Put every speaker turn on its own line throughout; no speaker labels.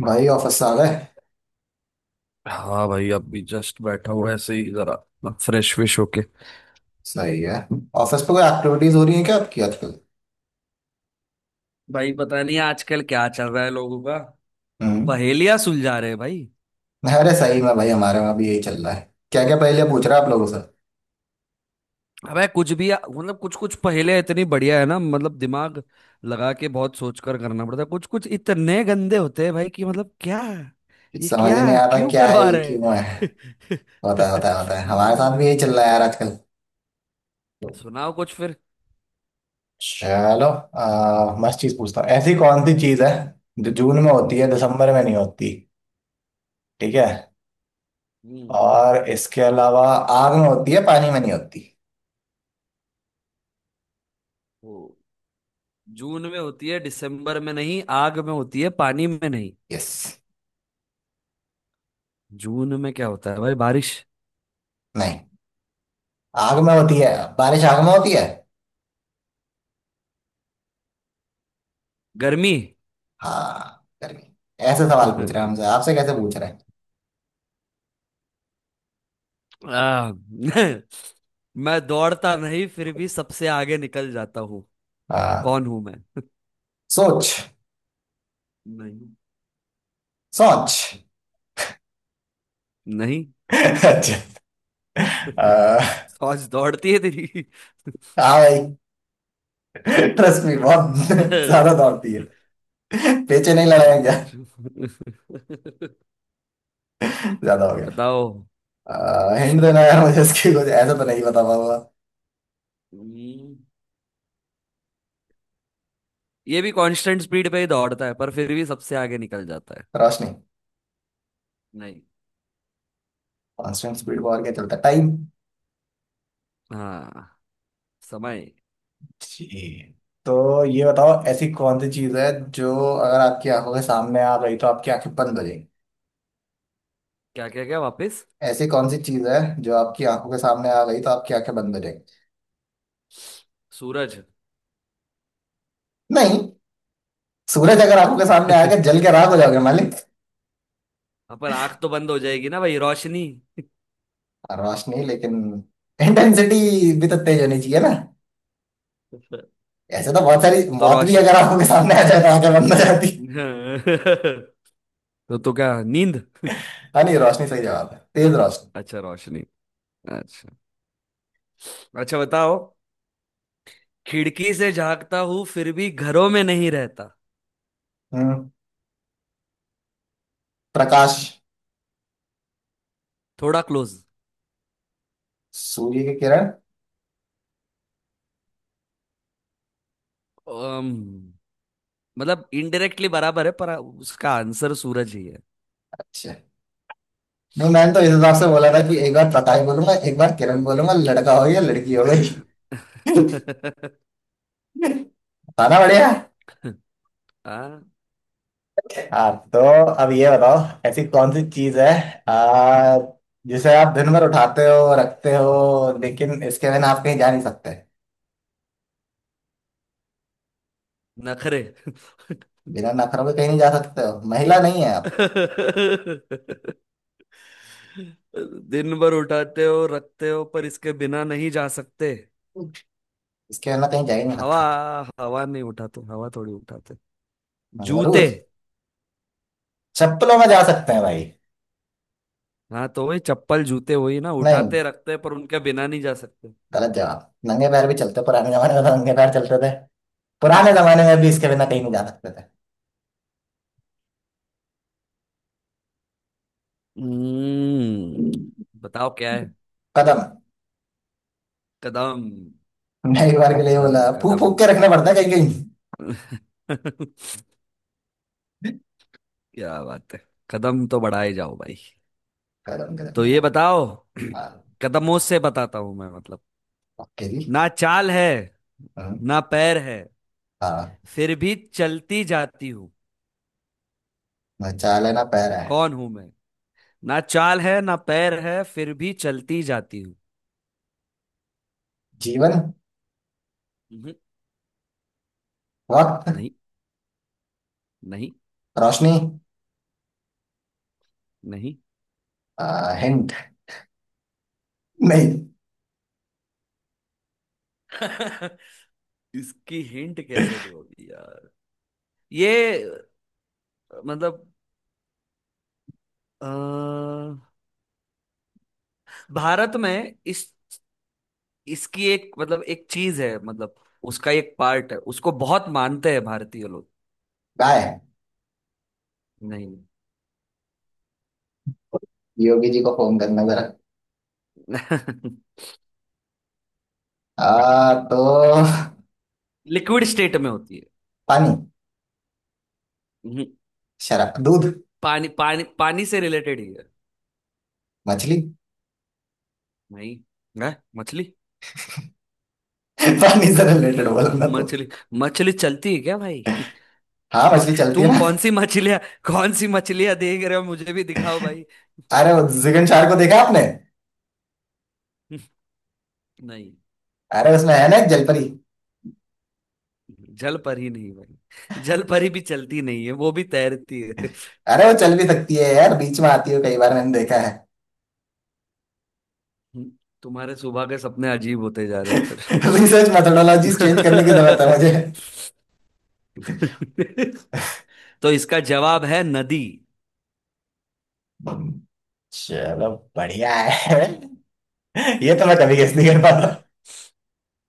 भाई ऑफिस से आ गए।
हाँ भाई, अभी जस्ट बैठा हूँ ऐसे ही जरा। फ्रेश विश होके।
सही है। ऑफिस पे कोई एक्टिविटीज हो रही है क्या आपकी आजकल?
भाई पता नहीं आजकल क्या चल रहा है लोगों का।
हम्म।
पहेलियां सुलझा रहे हैं भाई।
अरे सही में भाई हमारे वहाँ भी यही चल रहा है, क्या क्या पहले पूछ रहा आप लोगों से।
अबे कुछ भी, मतलब कुछ कुछ पहेलियां इतनी बढ़िया है ना, मतलब दिमाग लगा के बहुत सोच कर करना पड़ता है। कुछ कुछ इतने गंदे होते हैं भाई कि मतलब क्या,
कुछ
ये
समझ ही नहीं
क्या
आता
क्यों
क्या है
करवा
ये,
रहे
क्यों है।
हैं।
होता है होता है होता है
हाँ
हमारे साथ
यार,
भी यही चल रहा है यार आजकल।
सुनाओ कुछ फिर।
चलो मस्त चीज पूछता हूँ। ऐसी कौन सी चीज है जो जून में होती है
हम्म।
दिसंबर में नहीं होती। ठीक है।
हम्म,
और इसके अलावा आग में होती है पानी में नहीं होती।
वो जून में होती है दिसंबर में नहीं, आग में होती है पानी में नहीं।
यस।
जून में क्या होता है भाई, बारिश?
नहीं, आग में होती है। बारिश आग में होती है।
गर्मी।
हाँ, गर्मी। ऐसे सवाल पूछ रहे हैं हमसे, आपसे कैसे पूछ रहे हैं।
आ, मैं दौड़ता नहीं फिर भी सबसे आगे निकल जाता हूँ।
हाँ।
कौन हूं मैं?
सोच।
नहीं।
सोच।
नहीं।
अच्छा। आ,
आज दौड़ती है तेरी।
हाँ भाई, ट्रस्ट मी बहुत ज्यादा दौड़ती है। पेचे नहीं लड़ाया क्या?
अच्छा।
ज्यादा हो गया।
बताओ।
हिंट देना यार मुझे इसकी, कुछ ऐसा तो नहीं बता पाऊंगा।
हम्म, ये भी कांस्टेंट स्पीड पे ही दौड़ता है पर फिर भी सबसे आगे निकल जाता है।
रोशनी।
नहीं।
कांस्टेंट स्पीड पर और क्या चलता है? टाइम।
हाँ, समय।
जी। तो ये बताओ,
क्या?
ऐसी कौन सी चीज है जो अगर आपकी आंखों के सामने आ गई तो आपकी आंखें बंद हो।
क्या वापस?
ऐसी कौन सी चीज है जो आपकी आंखों के सामने आ गई तो आपकी आंखें बंद हो जाएंगी।
सूरज।
नहीं। सूरज अगर आंखों के सामने आ गया जल के राख हो जाओगे मालिक।
हाँ, पर आंख तो बंद हो जाएगी ना भाई, रोशनी।
रोशनी, लेकिन इंटेंसिटी भी तो तेज होनी चाहिए ना। ऐसे तो बहुत
हाँ,
सारी
तो
मौत भी
रोश
अगर आंखों के सामने आ जाए तो आंखें बंद हो जाती।
तो तो क्या नींद?
हाँ नहीं, रोशनी सही जवाब है, तेज रोशनी।
अच्छा रोशनी। अच्छा। अच्छा बताओ। खिड़की से झांकता हूँ फिर भी घरों में नहीं रहता।
हम्म। प्रकाश।
थोड़ा क्लोज।
सूर्य की किरण।
अम्म, मतलब इनडायरेक्टली बराबर है पर उसका आंसर सूरज ही है।
अच्छा। नहीं, मैंने तो इस
हम्म।
हिसाब से बोला था कि एक बार प्रकाश बोलूंगा एक बार किरण बोलूंगा, लड़का हो गया लड़की हो गई। था ना बढ़िया।
हाँ,
हाँ तो अब ये बताओ, ऐसी कौन सी चीज है आ, जिसे आप दिन भर उठाते हो रखते हो लेकिन इसके बिना आप कहीं जा नहीं सकते।
नखरे।
बिना नखरों के कहीं नहीं जा सकते हो? महिला नहीं है आप।
दिन भर उठाते हो रखते हो पर इसके बिना नहीं जा सकते।
इसके बिना कहीं जा ही नहीं
हवा।
सकते।
हवा नहीं उठाते, हवा थोड़ी उठाते।
हाँ,
जूते।
जरूर। चप्पलों में जा सकते हैं भाई।
हाँ तो वही चप्पल जूते, वही ना
नहीं,
उठाते रखते, पर उनके बिना नहीं जा सकते।
गलत जवाब। नंगे पैर भी चलते, पुराने जमाने में तो नंगे पैर चलते थे। पुराने जमाने में भी इसके बिना कहीं नहीं जा सकते थे।
हम्म। बताओ क्या है।
कदम।
कदम।
मैं एक बार के लिए
कदम
बोला, फूक
कदम।
फूक के रखने पड़ते हैं कहीं कहीं।
क्या बात है, कदम तो बढ़ाए जाओ भाई।
कदम कदम
तो
बड़ा।
ये बताओ।
हाँ।
कदमों से बताता हूं मैं, मतलब
ओके जी।
ना चाल है
हम्म।
ना पैर है
हाँ।
फिर भी चलती जाती हूँ।
बचा लेना, पैर है।
कौन हूं मैं? ना चाल है ना पैर है फिर भी चलती जाती हूँ।
जीवन।
हम्म।
वक्त।
नहीं। नहीं।
रोशनी।
नहीं।
हिंट। नहीं।
इसकी हिंट कैसे दो अभी यार। ये मतलब अ, भारत में इस इसकी एक, मतलब एक चीज है, मतलब उसका एक पार्ट है, उसको बहुत मानते हैं भारतीय लोग।
गाय।
नहीं।
योगी जी को फोन करना जरा। तो
लिक्विड स्टेट में होती
पानी।
है।
शराब, दूध।
पानी, पानी से रिलेटेड ही है
मछली।
भाई। है मछली?
पानी से रिलेटेड
चल
बोलना तो।
मछली? मछली चलती है क्या भाई?
हाँ
कौन?
मछली चलती है
तुम कौन
ना।
सी मछलियां कौन सी मछलियां देख रहे हो, मुझे भी दिखाओ भाई।
अरे वो जिगन चार को देखा आपने?
नहीं,
अरे उसमें है ना एक जलपरी।
जल पर ही नहीं भाई, जल पर ही भी चलती नहीं है, वो भी तैरती है।
अरे वो चल भी सकती है यार, बीच में आती है कई बार मैंने देखा है।
तुम्हारे सुबह के सपने अजीब होते जा रहे हैं फिर।
रिसर्च मेथोडोलॉजी चेंज करने की जरूरत है मुझे।
तो इसका जवाब है नदी।
चलो, बढ़िया है। ये तो मैं कभी गेस नहीं कर पाता।
मैं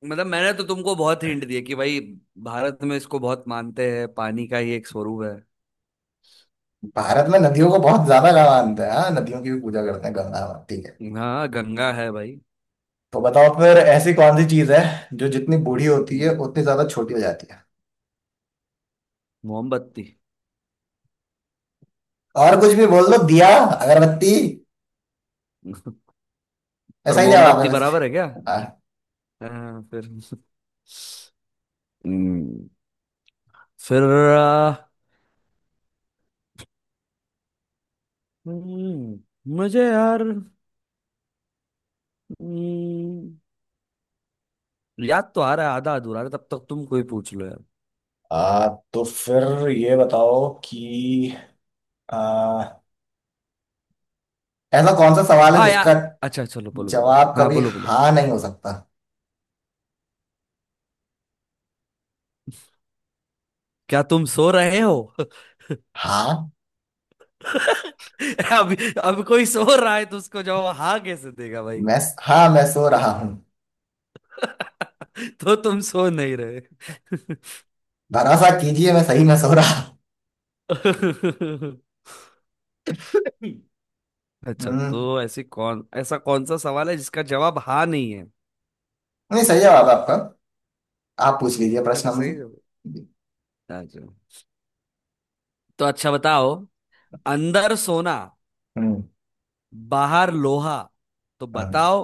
मतलब मैंने तो तुमको बहुत हिंट दिए कि भाई भारत में इसको बहुत मानते हैं, पानी का ही एक स्वरूप है।
भारत में नदियों को बहुत ज्यादा का मानते हैं, हाँ नदियों की भी पूजा करते हैं, गंगा माता है।
हाँ, गंगा है भाई।
तो बताओ फिर, ऐसी कौन सी चीज है जो जितनी बूढ़ी होती
हम्म,
है उतनी ज्यादा छोटी हो जाती है।
मोमबत्ती।
और कुछ भी बोल दो, दिया, अगरबत्ती।
पर
ऐसा ही जवाब है
मोमबत्ती
वैसे।
बराबर है क्या?
हाँ।
हाँ, फिर। हम्म, फिर। आ, हम्म, मुझे यार, हम्म, याद तो आ रहा है, आधा अधूरा है, तब तक तुम कोई पूछ लो यार।
आ, तो फिर ये बताओ कि आ, ऐसा कौन सा सवाल है
हाँ यार,
जिसका
अच्छा चलो बोलो बोलो,
जवाब
हाँ
कभी
बोलो बोलो।
हाँ नहीं हो सकता।
क्या तुम सो रहे हो?
हाँ,
अब अब कोई सो रहा है तो उसको जवाब हाँ कैसे देगा भाई।
मैं। हाँ, मैं सो रहा हूँ।
तो तुम सो नहीं रहे।
भरोसा कीजिए मैं सही में सो रहा हूँ।
अच्छा तो
हम्म।
ऐसी कौन, ऐसा कौन सा सवाल है जिसका जवाब हाँ नहीं है।
नहीं सही जवाब है आपका। आप पूछ लीजिए प्रश्न
अच्छा, सही
हमसे।
जवाब। अच्छा। तो अच्छा बताओ। अंदर सोना,
हम्म।
बाहर लोहा। तो
हाँ।
बताओ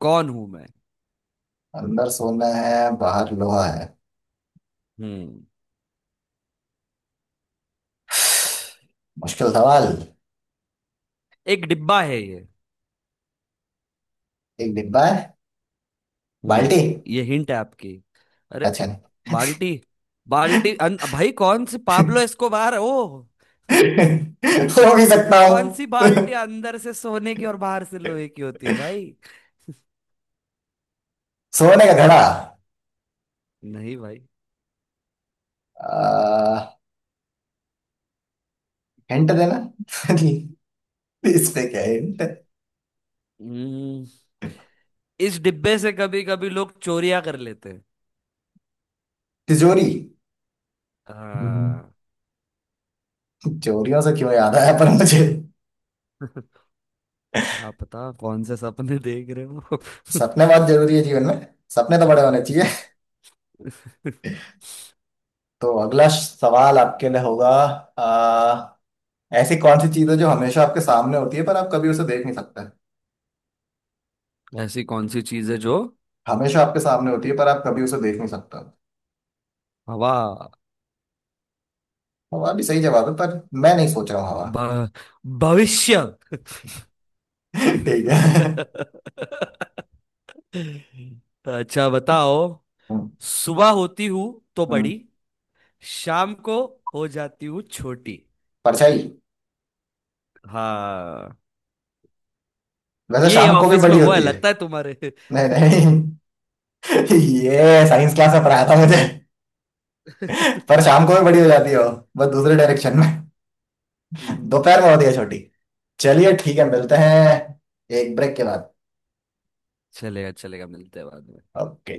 कौन हूं मैं।
अंदर सोना है बाहर लोहा है।
हम्म।
मुश्किल सवाल।
एक डिब्बा है ये।
एक डिब्बा है।
हम्म।
बाल्टी।
ये हिंट है आपकी? अरे,
अच्छा, नहीं।
बाल्टी? भाई कौन सी पाब्लो एस्कोबार है? ओ,
हो भी सकता हूँ।
कौन सी बाल्टी अंदर से सोने की और बाहर से लोहे की होती है भाई।
सोने का घड़ा।
नहीं भाई।
आ, हिंट देना। इस पे क्या हिंट?
हम्म, इस डिब्बे से कभी कभी लोग चोरियां कर लेते हैं।
तिजोरी। हम्म।
हाँ।
तिजोरियों से क्यों याद आया पर मुझे।
क्या पता कौन से सपने देख रहे हो।
सपने बहुत जरूरी है जीवन में। सपने तो बड़े होने चाहिए। तो अगला सवाल आपके लिए होगा। आ, ऐसी कौन सी चीज है जो हमेशा आपके सामने होती है पर आप कभी उसे देख नहीं सकते।
ऐसी कौन सी चीज है जो,
हमेशा आपके सामने होती है पर आप कभी उसे देख नहीं सकते हो।
हवा।
हवा भी सही जवाब है, पर मैं नहीं सोच रहा हूँ हवा।
भ- भविष्य।
ठीक है।
अच्छा बताओ।
हम्म।
सुबह होती हूँ तो बड़ी,
हम्म।
शाम को हो जाती हूँ छोटी।
परछाई।
हाँ।
वैसे
ये
शाम को भी
ऑफिस में
बड़ी
हुआ है
होती है।
लगता है तुम्हारे।
नहीं नहीं। ये साइंस क्लास में पढ़ाया था मुझे। पर शाम को भी बड़ी हो जाती है वो, बस दूसरे डायरेक्शन में।
हम्म।
दोपहर में होती है छोटी। चलिए ठीक है, मिलते हैं एक ब्रेक के बाद।
चलेगा चलेगा, मिलते हैं बाद में।
ओके।